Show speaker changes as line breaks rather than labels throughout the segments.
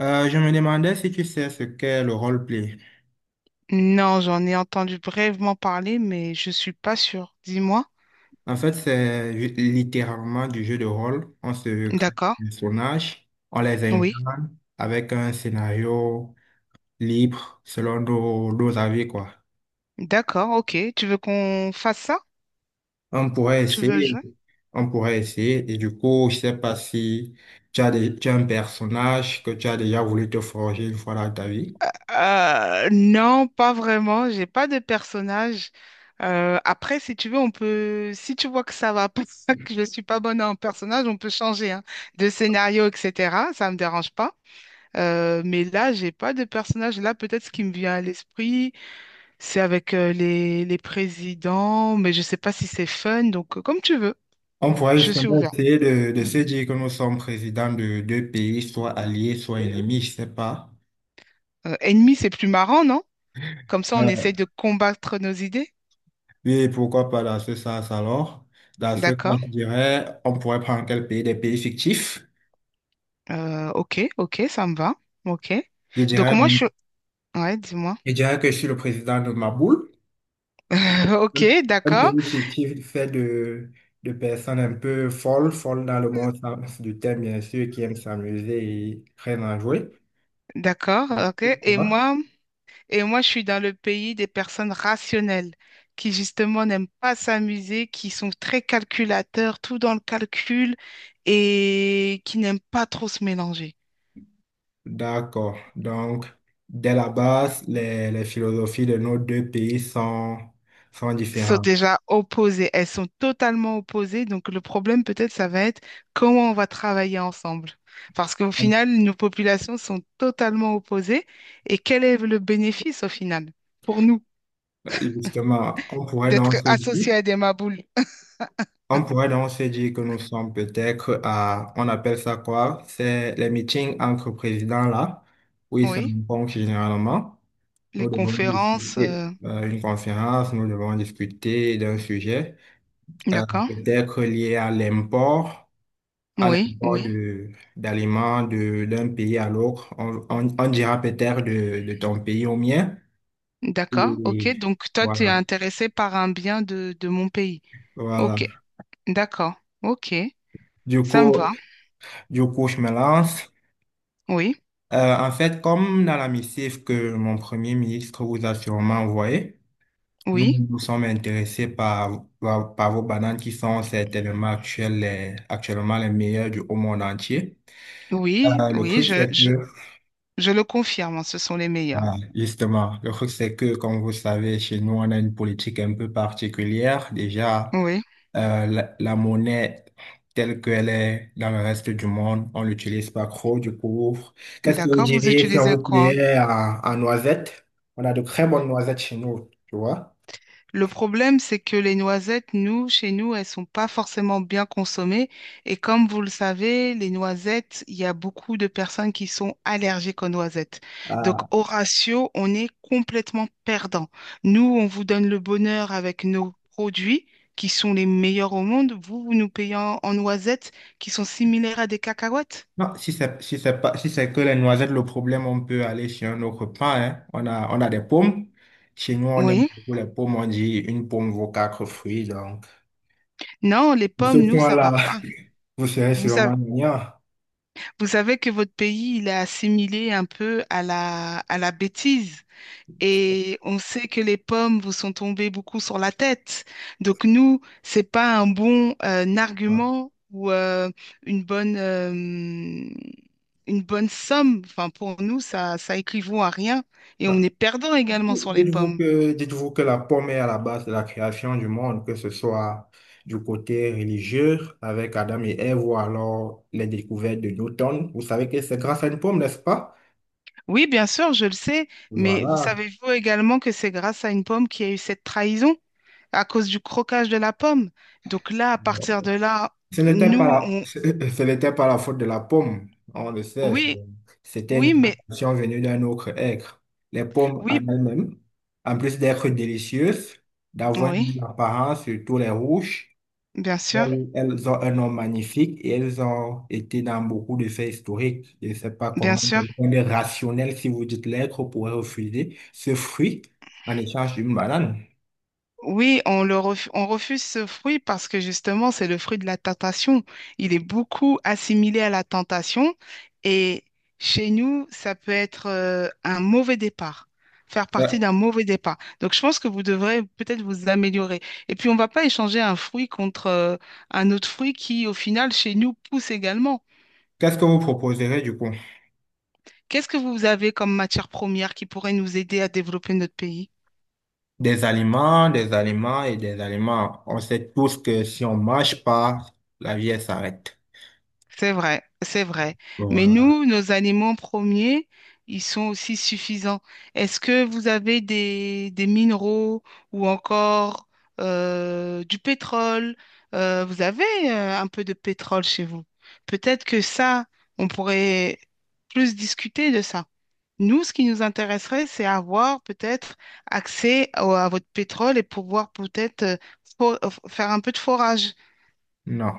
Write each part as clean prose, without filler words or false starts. Je me demandais si tu sais ce qu'est le roleplay.
Non, j'en ai entendu brièvement parler, mais je suis pas sûre. Dis-moi.
En fait, littéralement du jeu de rôle. On se crée
D'accord.
des personnages, on les
Oui.
incarne avec un scénario libre selon nos avis, quoi.
D'accord, ok. Tu veux qu'on fasse ça?
On pourrait
Tu veux
essayer,
jouer?
on pourrait essayer. Et du coup, je sais pas si tu as, tu as un personnage que tu as déjà voulu te forger une fois dans ta vie.
Non, pas vraiment. J'ai pas de personnage. Après, si tu veux, on peut. Si tu vois que ça va pas, que je suis pas bonne en personnage, on peut changer hein, de scénario, etc. Ça me dérange pas. Mais là, j'ai pas de personnage. Là, peut-être ce qui me vient à l'esprit. C'est avec les présidents, mais je sais pas si c'est fun, donc comme tu veux,
On pourrait
je suis
justement
ouvert.
essayer de se dire que nous sommes présidents de deux pays, soit alliés, soit ennemis, je sais pas.
Ennemi, c'est plus marrant, non? Comme ça, on
Euh,
essaye de combattre nos idées.
Oui, pourquoi pas dans ce sens alors? Dans ce cas,
D'accord.
je dirais, on pourrait prendre quel pays? Des pays fictifs.
Ok, ça me va. Ok.
Je
Donc
dirais,
moi, je suis... Ouais, dis-moi.
je dirais que je suis le président de ma boule. Un
Ok,
un
d'accord,
pays fictif fait de personnes un peu folles, folles dans le bon sens du terme, bien sûr, qui aiment s'amuser et très enjouées.
d'accord, ok. Et
Voilà.
moi, je suis dans le pays des personnes rationnelles qui justement n'aiment pas s'amuser, qui sont très calculateurs, tout dans le calcul et qui n'aiment pas trop se mélanger.
D'accord. Donc, dès la base, les philosophies de nos deux pays sont
Sont
différentes.
déjà opposées. Elles sont totalement opposées. Donc, le problème, peut-être, ça va être comment on va travailler ensemble. Parce qu'au final, nos populations sont totalement opposées. Et quel est le bénéfice, au final, pour nous,
Justement, on pourrait donc
d'être
se dire
associés à des maboules?
on pourrait donc se dire que nous sommes peut-être à, on appelle ça quoi? C'est les meetings entre présidents là, où ils se
Oui,
rencontrent généralement.
les
Nous devons
conférences,
discuter une conférence, nous devons discuter d'un sujet,
d'accord.
peut-être lié à
Oui,
l'import
oui,
de, d'aliments de, d'un pays à l'autre. On dira peut-être de ton pays au mien.
d'accord. OK.
Et
Donc, toi, tu es
voilà,
intéressé par un bien de mon pays.
voilà.
OK, d'accord. OK,
Du
ça me va.
coup, du coup, je me lance.
Oui,
En fait, comme dans la missive que mon premier ministre vous a sûrement envoyée, nous
oui.
nous sommes intéressés par vos bananes qui sont certainement actuelles, actuellement les meilleures du au monde entier.
Oui,
Le
oui,
truc, c'est que
je le confirme, ce sont les meilleurs.
voilà, justement, le truc, c'est que, comme vous savez, chez nous, on a une politique un peu particulière. Déjà,
Oui,
la monnaie telle qu'elle est dans le reste du monde, on l'utilise pas trop, du coup. Qu'est-ce que vous
d'accord, vous
diriez si on
utilisez
vous
quoi?
payait en noisettes? On a de très bonnes noisettes chez nous, tu vois.
Le problème, c'est que les noisettes, nous, chez nous, elles sont pas forcément bien consommées. Et comme vous le savez, les noisettes, il y a beaucoup de personnes qui sont allergiques aux noisettes. Donc,
Ah.
au ratio, on est complètement perdant. Nous, on vous donne le bonheur avec nos produits qui sont les meilleurs au monde. Vous, vous nous payez en noisettes qui sont similaires à des cacahuètes.
Non, si c'est pas, si c'est que les noisettes, le problème, on peut aller chez un autre pain, hein. On a des pommes. Chez nous, on aime
Oui.
beaucoup les pommes. On dit une pomme vaut quatre fruits, donc.
Non, les
Ce
pommes, nous, ça va
point-là,
pas.
vous serez
Vous
sûrement
savez,
gagnant.
vous savez que votre pays, il est assimilé un peu à la bêtise. Et on sait que les pommes vous sont tombées beaucoup sur la tête. Donc nous, c'est pas un bon
Voilà.
argument ou une bonne somme. Enfin, pour nous, ça équivaut à rien. Et
Non.
on est perdant également sur les pommes.
Dites-vous que la pomme est à la base de la création du monde, que ce soit du côté religieux avec Adam et Ève ou alors les découvertes de Newton. Vous savez que c'est grâce à une pomme, n'est-ce pas?
Oui, bien sûr, je le sais. Mais vous
Voilà.
savez-vous également que c'est grâce à une pomme qu'il y a eu cette trahison? À cause du croquage de la pomme. Donc là, à partir de là,
Ce n'était
nous,
pas
on...
ce ce n'était pas la faute de la pomme, on le sait.
Oui,
C'était une
oui, mais
plantation venue d'un autre être. Les pommes en
oui,
elles-mêmes, en plus d'être délicieuses, d'avoir une
oui,
belle apparence, surtout les rouges,
bien sûr,
elles ont un nom magnifique et elles ont été dans beaucoup de faits historiques. Je ne sais pas
bien
comment
sûr.
quelqu'un de rationnel, si vous dites l'être, pourrait refuser ce fruit en échange d'une banane.
Oui, on refuse ce fruit parce que justement, c'est le fruit de la tentation. Il est beaucoup assimilé à la tentation et chez nous, ça peut être un mauvais départ, faire partie
Euh,
d'un mauvais départ. Donc, je pense que vous devrez peut-être vous améliorer. Et puis, on ne va pas échanger un fruit contre un autre fruit qui, au final, chez nous, pousse également.
Qu'est-ce que vous proposerez du coup?
Qu'est-ce que vous avez comme matière première qui pourrait nous aider à développer notre pays?
Des aliments et des aliments. On sait tous que si on mange pas, la vie elle s'arrête.
C'est vrai, c'est vrai. Mais
Voilà.
nous, nos aliments premiers, ils sont aussi suffisants. Est-ce que vous avez des minéraux ou encore du pétrole? Vous avez un peu de pétrole chez vous. Peut-être que ça, on pourrait plus discuter de ça. Nous, ce qui nous intéresserait, c'est avoir peut-être à votre pétrole et pouvoir peut-être faire un peu de forage.
Non.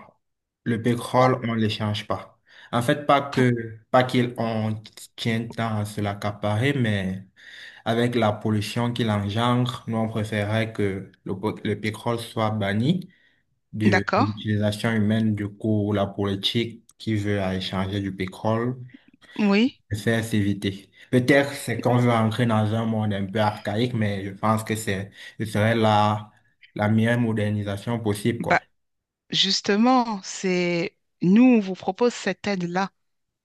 Le
Pour-
pétrole, on ne l'échange pas. En fait,
pour-
pas qu'il on tient tant à se l'accaparer, mais avec la pollution qu'il engendre, nous, on préférait que le pétrole soit banni de
D'accord?
l'utilisation humaine. Du coup, la politique qui veut à échanger du pétrole
Oui.
c'est à s'éviter. Peut-être c'est qu'on veut entrer dans un monde un peu archaïque, mais je pense que ce serait la meilleure modernisation possible, quoi.
Justement, c'est nous, on vous propose cette aide-là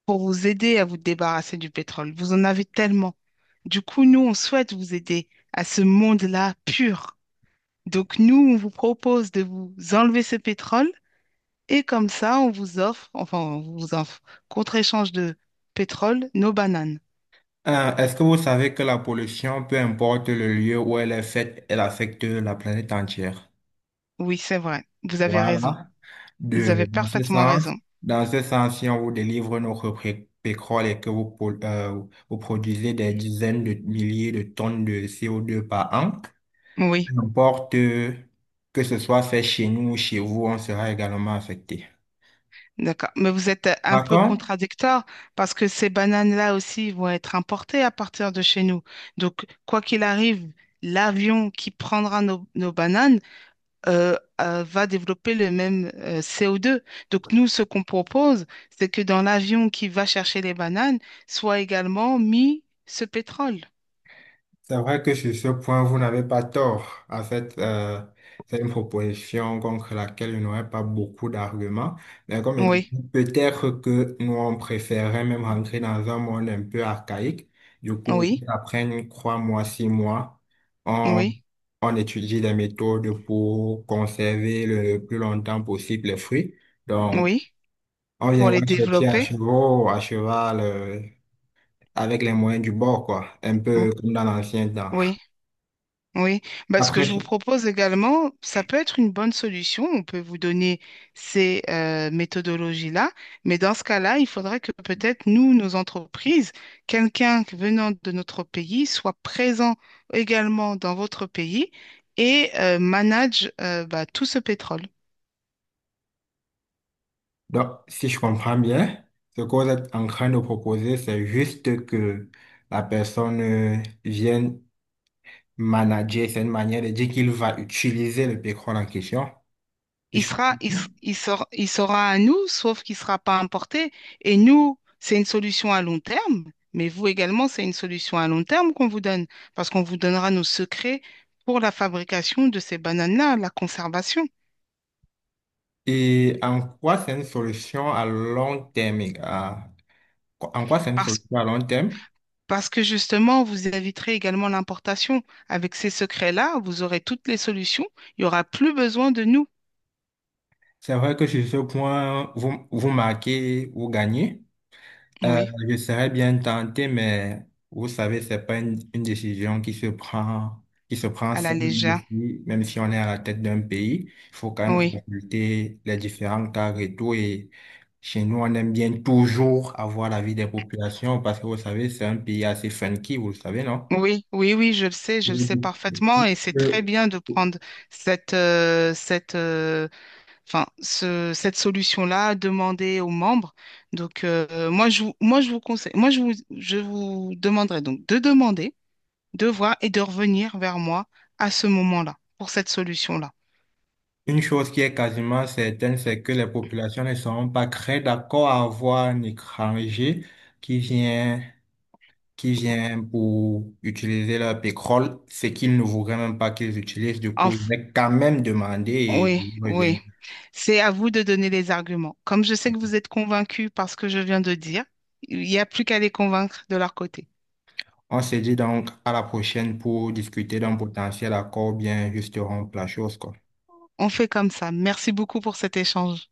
pour vous aider à vous débarrasser du pétrole. Vous en avez tellement. Du coup, nous, on souhaite vous aider à ce monde-là pur. Donc, nous, on vous propose de vous enlever ce pétrole et comme ça, on vous offre, contre-échange de pétrole, nos bananes.
Est-ce que vous savez que la pollution, peu importe le lieu où elle est faite, elle affecte la planète entière?
Oui, c'est vrai. Vous avez raison.
Voilà.
Vous avez
Dans ce
parfaitement
sens,
raison.
dans ce sens, si on vous délivre notre pétrole et que vous, vous produisez des dizaines de milliers de tonnes de CO2 par an,
Oui.
n'importe que ce soit fait chez nous ou chez vous, on sera également affecté.
D'accord. Mais vous êtes un
Par
peu
contre,
contradictoire parce que ces bananes-là aussi vont être importées à partir de chez nous. Donc, quoi qu'il arrive, l'avion qui prendra nos bananes va développer le même CO2. Donc, nous, ce qu'on propose, c'est que dans l'avion qui va chercher les bananes, soit également mis ce pétrole.
c'est vrai que sur ce point, vous n'avez pas tort. En fait, c'est une proposition contre laquelle je n'aurais pas beaucoup d'arguments. Mais comme je dis,
Oui,
peut-être que nous, on préférerait même rentrer dans un monde un peu archaïque. Du coup,
oui,
après trois mois, six mois, on,
oui,
on étudie des méthodes pour conserver le plus longtemps possible les fruits. Donc,
oui,
on
pour les
viendra chercher
développer.
à cheval, avec les moyens du bord, quoi. Un peu comme dans l'ancien temps.
Oui. Oui, bah, ce que
Après,
je vous propose également, ça peut être une bonne solution. On peut vous donner ces méthodologies-là, mais dans ce cas-là, il faudrait que peut-être nous, nos entreprises, quelqu'un venant de notre pays soit présent également dans votre pays et manage bah, tout ce pétrole.
donc, si je comprends bien, ce que vous êtes en train de proposer, c'est juste que la personne vienne manager, c'est une manière de dire qu'il va utiliser le pétrole en question. Si je comprends bien.
Il sera à nous, sauf qu'il ne sera pas importé. Et nous, c'est une solution à long terme, mais vous également, c'est une solution à long terme qu'on vous donne, parce qu'on vous donnera nos secrets pour la fabrication de ces bananes-là, la conservation.
Et en quoi c'est une solution à long terme? Les gars, en quoi c'est une
Parce,
solution à long terme?
parce que justement, vous éviterez également l'importation. Avec ces secrets-là, vous aurez toutes les solutions. Il n'y aura plus besoin de nous.
C'est vrai que sur ce point, vous marquez, vous gagnez. Euh,
Oui,
je serais bien tenté, mais vous savez, c'est pas une décision qui se prend
à la
seule,
légère.
même si on est à la tête d'un pays. Il faut quand même
Oui.
consulter les différents cas et tout. Et chez nous, on aime bien toujours avoir l'avis des populations parce que vous savez, c'est un pays assez funky, vous le savez, non?
Oui, oui, oui, je le sais
Oui.
parfaitement et c'est très
Euh,
bien de prendre cette, euh, cette, euh, cette solution-là, demander aux membres. Donc, moi, je vous conseille, je vous demanderai donc de demander, de voir et de revenir vers moi à ce moment-là pour cette solution-là.
Une chose qui est quasiment certaine, c'est que les populations ne seront pas très d'accord à avoir un étranger qui vient qui vient pour utiliser leur pétrole, c'est qu'ils ne voudraient même pas qu'ils utilisent. Du coup, ils
Enf-
vais quand même demander et
oui,
ils reviennent.
oui, c'est à vous de donner les arguments. Comme je sais que vous êtes convaincus par ce que je viens de dire, il n'y a plus qu'à les convaincre de leur côté.
On se dit donc à la prochaine pour discuter d'un potentiel accord, bien juste rompre la chose, quoi.
On fait comme ça. Merci beaucoup pour cet échange.